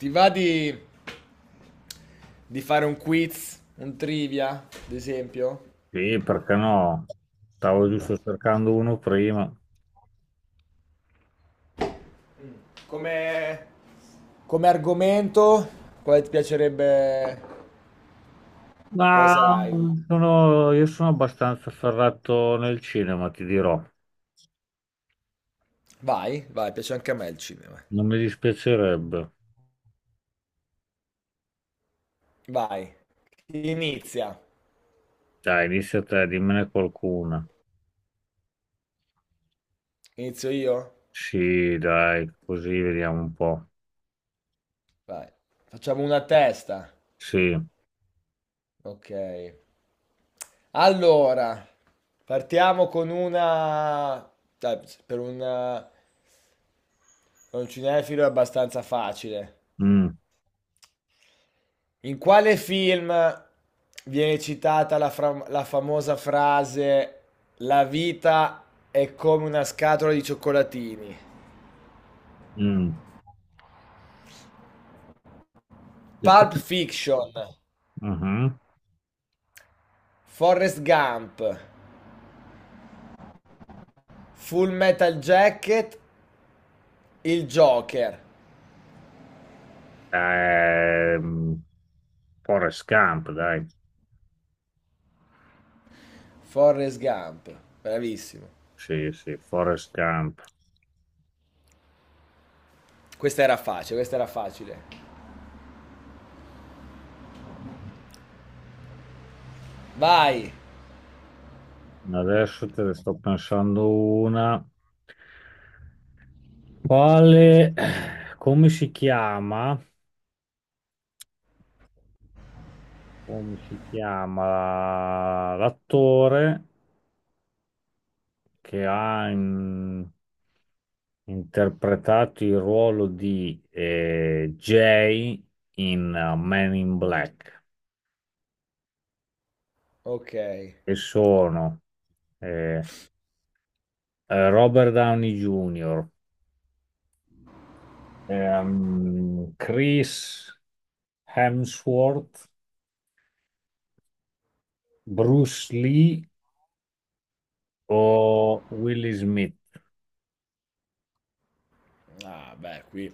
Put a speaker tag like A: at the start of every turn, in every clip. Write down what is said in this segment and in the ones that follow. A: Ti va di fare un quiz, un trivia, ad esempio?
B: Sì, perché no? Stavo giusto cercando uno prima.
A: Come, come argomento, quale ti piacerebbe... Quale
B: Ma
A: sarà il...
B: io sono abbastanza ferrato nel cinema, ti dirò.
A: Vai, vai, piace anche a me il cinema.
B: Non mi dispiacerebbe.
A: Vai. Chi inizia.
B: Dai, inizia te, dimmene qualcuna.
A: Inizio io?
B: Sì, dai, così vediamo un po'.
A: Vai. Facciamo una a testa.
B: Sì.
A: Ok. Allora, partiamo con una... dai, per un cinefilo è abbastanza facile.
B: Mm,
A: In quale film viene citata la, la famosa frase: la vita è come una scatola di cioccolatini?
B: mm. E
A: Pulp
B: come-
A: Fiction,
B: Mhm.
A: Forrest Gump, Full Metal Jacket, il Joker.
B: Ehm, Forrest Gump, dai.
A: Forrest Gump, bravissimo.
B: Sì, sì, Forrest Gump.
A: Questa era facile, questa era facile. Vai.
B: Adesso te ne sto pensando una. Quale, come si chiama, Come si chiama l'attore che interpretato il ruolo di Jay in Men in Black?
A: Ok.
B: E sono eh, Robert Downey Jr., Chris Hemsworth, Bruce Lee o Will Smith?
A: Ah, beh, qui.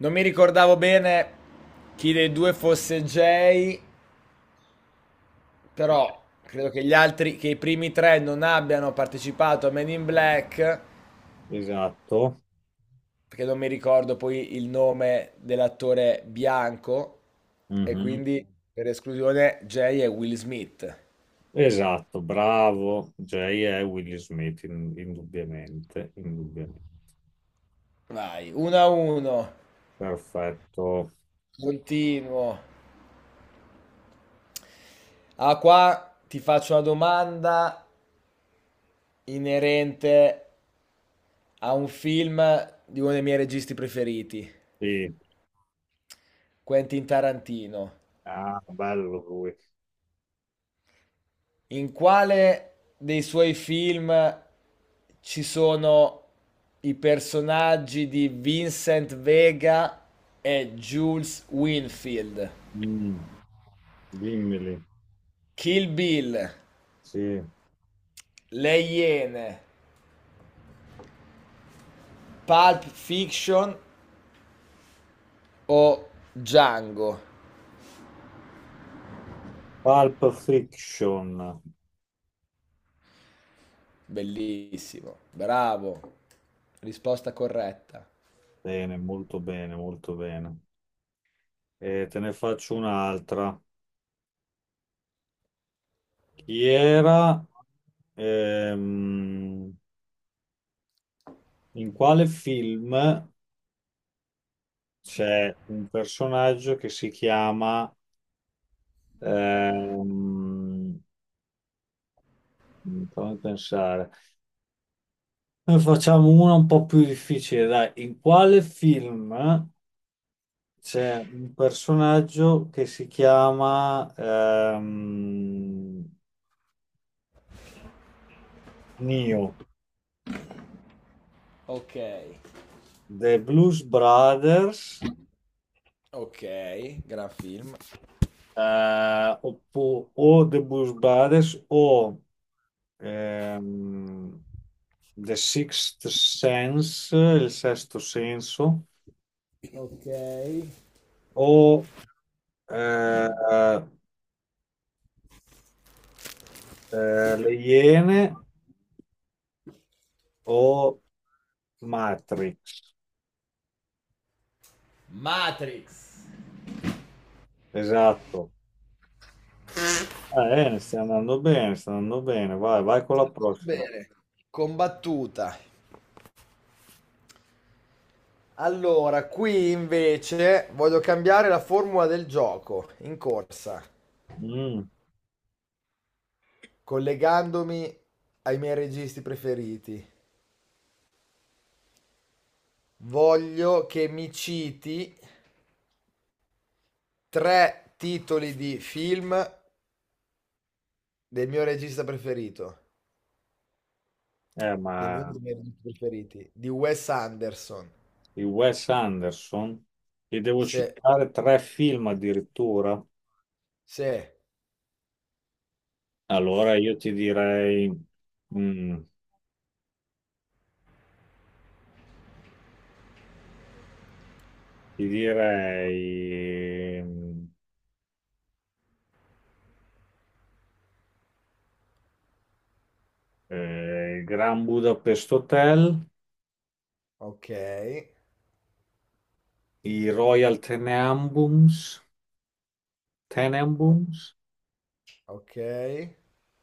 A: Non mi ricordavo bene chi dei due fosse Jay. Però credo che gli altri, che i primi 3 non abbiano partecipato a Men in Black,
B: Esatto.
A: perché non mi ricordo poi il nome dell'attore bianco, e
B: Mhm.
A: quindi per esclusione Jay e Will Smith.
B: Esatto, bravo. Jay è Will Smith, indubbiamente, indubbiamente.
A: Vai, 1 a 1,
B: Perfetto.
A: continuo. Ah, qua ti faccio una domanda inerente a un film di uno dei miei registi preferiti,
B: Sì.
A: Quentin Tarantino.
B: Ah, bello lui.
A: In quale dei suoi film ci sono i personaggi di Vincent Vega e Jules Winfield?
B: Mm, dimmeli.
A: Kill Bill,
B: Sì.
A: Le Iene, Pulp Fiction o Django?
B: Pulp Fiction.
A: Bellissimo, bravo. Risposta corretta.
B: Bene, molto bene, molto bene. E te ne faccio un'altra. Chi era? ehm, in quale film c'è un personaggio che si chiama... ehm, fammi pensare. Ne facciamo una un po' più difficile, dai. In quale film c'è un personaggio che si chiama ehm, Neo?
A: Ok,
B: The Blues Brothers,
A: ok, gran film.
B: oppo- o The Blues Brothers o ehm, The Sixth Sense, il sesto senso,
A: Ok.
B: o eh, Le Iene o Matrix.
A: Matrix.
B: Esatto. Stai andando bene, stai andando bene. Vai, vai con la
A: Siamo
B: prossima.
A: bene, combattuta. Allora, qui invece voglio cambiare la formula del gioco in corsa,
B: Mm,
A: collegandomi ai miei registi preferiti. Voglio che mi citi 3 titoli di film del mio regista preferito,
B: eh,
A: del mio, uno
B: ma
A: dei miei registi preferiti, di Wes Anderson.
B: di Wes Anderson, ti devo
A: Se,
B: citare tre film addirittura.
A: se,
B: Allora io ti direi, mm, ti direi mm, il Grand Budapest Hotel,
A: ok,
B: i Royal Tenenbaums,
A: o-
B: Tenenbaums
A: ok.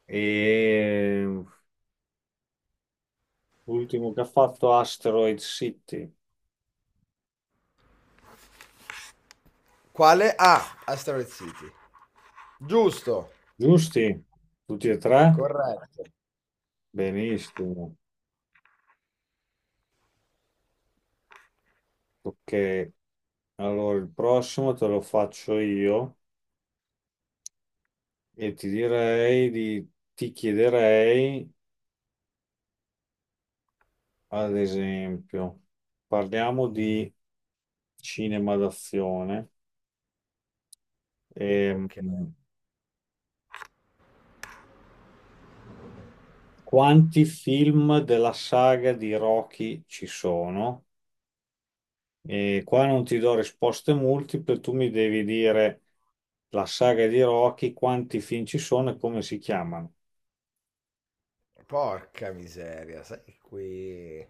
B: e l'ultimo che ha fatto Asteroid City.
A: Quale? Asteroid City. Giusto.
B: Giusti? Tutti e tre?
A: Corretto.
B: Benissimo, ok. Allora, il prossimo te lo faccio io e ti chiederei, ad esempio, parliamo di cinema d'azione. Ehm,
A: Ok.
B: quanti film della saga di Rocky ci sono? E qua non ti do risposte multiple, tu mi devi dire la saga di Rocky, quanti film ci sono e come si chiamano.
A: Porca miseria, sai che qui...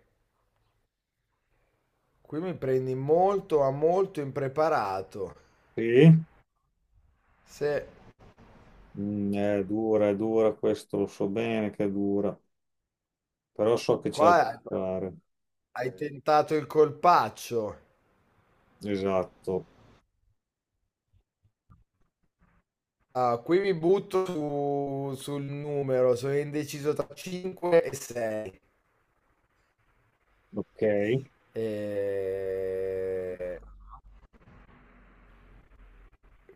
A: Qui mi prendi molto, ma molto impreparato.
B: Sì?
A: Se
B: Mm, è dura, questo lo so bene che è dura, però so che ce
A: qua
B: la
A: hai
B: puoi fare.
A: hai tentato il colpaccio.
B: Esatto,
A: Ah, qui mi butto sul numero, sono indeciso tra 5 e 6.
B: ok.
A: E...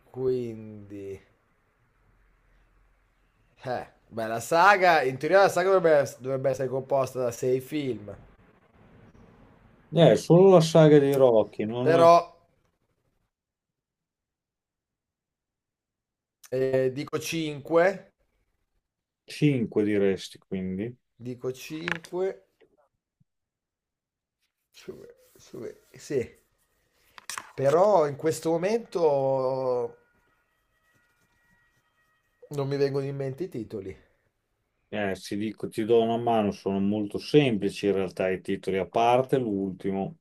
A: Quindi... beh, la saga, in teoria la saga dovrebbe essere composta da 6 film,
B: Solo la saga di Rocky, non
A: però eh, dico 5,
B: 5 diresti, quindi.
A: dico 5, sì. Però in questo momento non mi vengono in mente i titoli.
B: Ti dico, ti do una mano, sono molto semplici in realtà i titoli, a parte l'ultimo,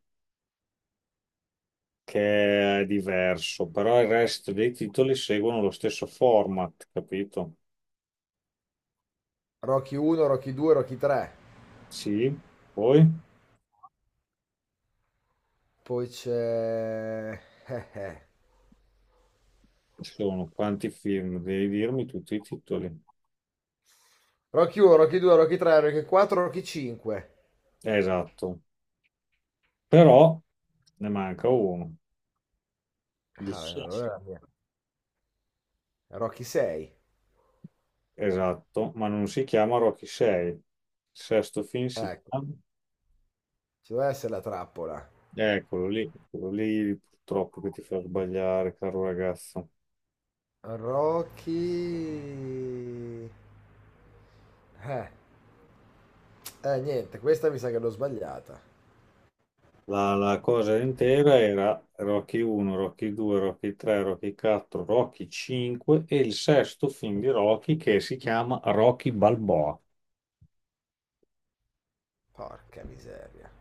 B: che è diverso, però il resto dei titoli seguono lo stesso format, capito?
A: Rocky 1, Rocky 2, Rocky 3.
B: Sì, poi
A: Poi c'è... eh, eh.
B: ci sono quanti film, devi dirmi tutti i titoli.
A: Rocky 1, Rocky 2, Rocky 3, Rocky 4, Rocky 5.
B: Esatto. Però ne manca uno. Gli Gli-
A: Ah,
B: sci.
A: allora è la mia. Rocky 6.
B: Esatto, ma non si chiama Rocky 6. Il sesto film si
A: Ecco,
B: chiama...
A: ci deve essere la trappola.
B: Eccolo lì, quello lì purtroppo che ti fa sbagliare, caro ragazzo.
A: Rocky... Eh, niente, questa mi sa che l'ho sbagliata.
B: La cosa intera era Rocky 1, Rocky 2, Rocky 3, Rocky 4, Rocky 5 e il sesto film di Rocky che si chiama Rocky Balboa.
A: Porca miseria.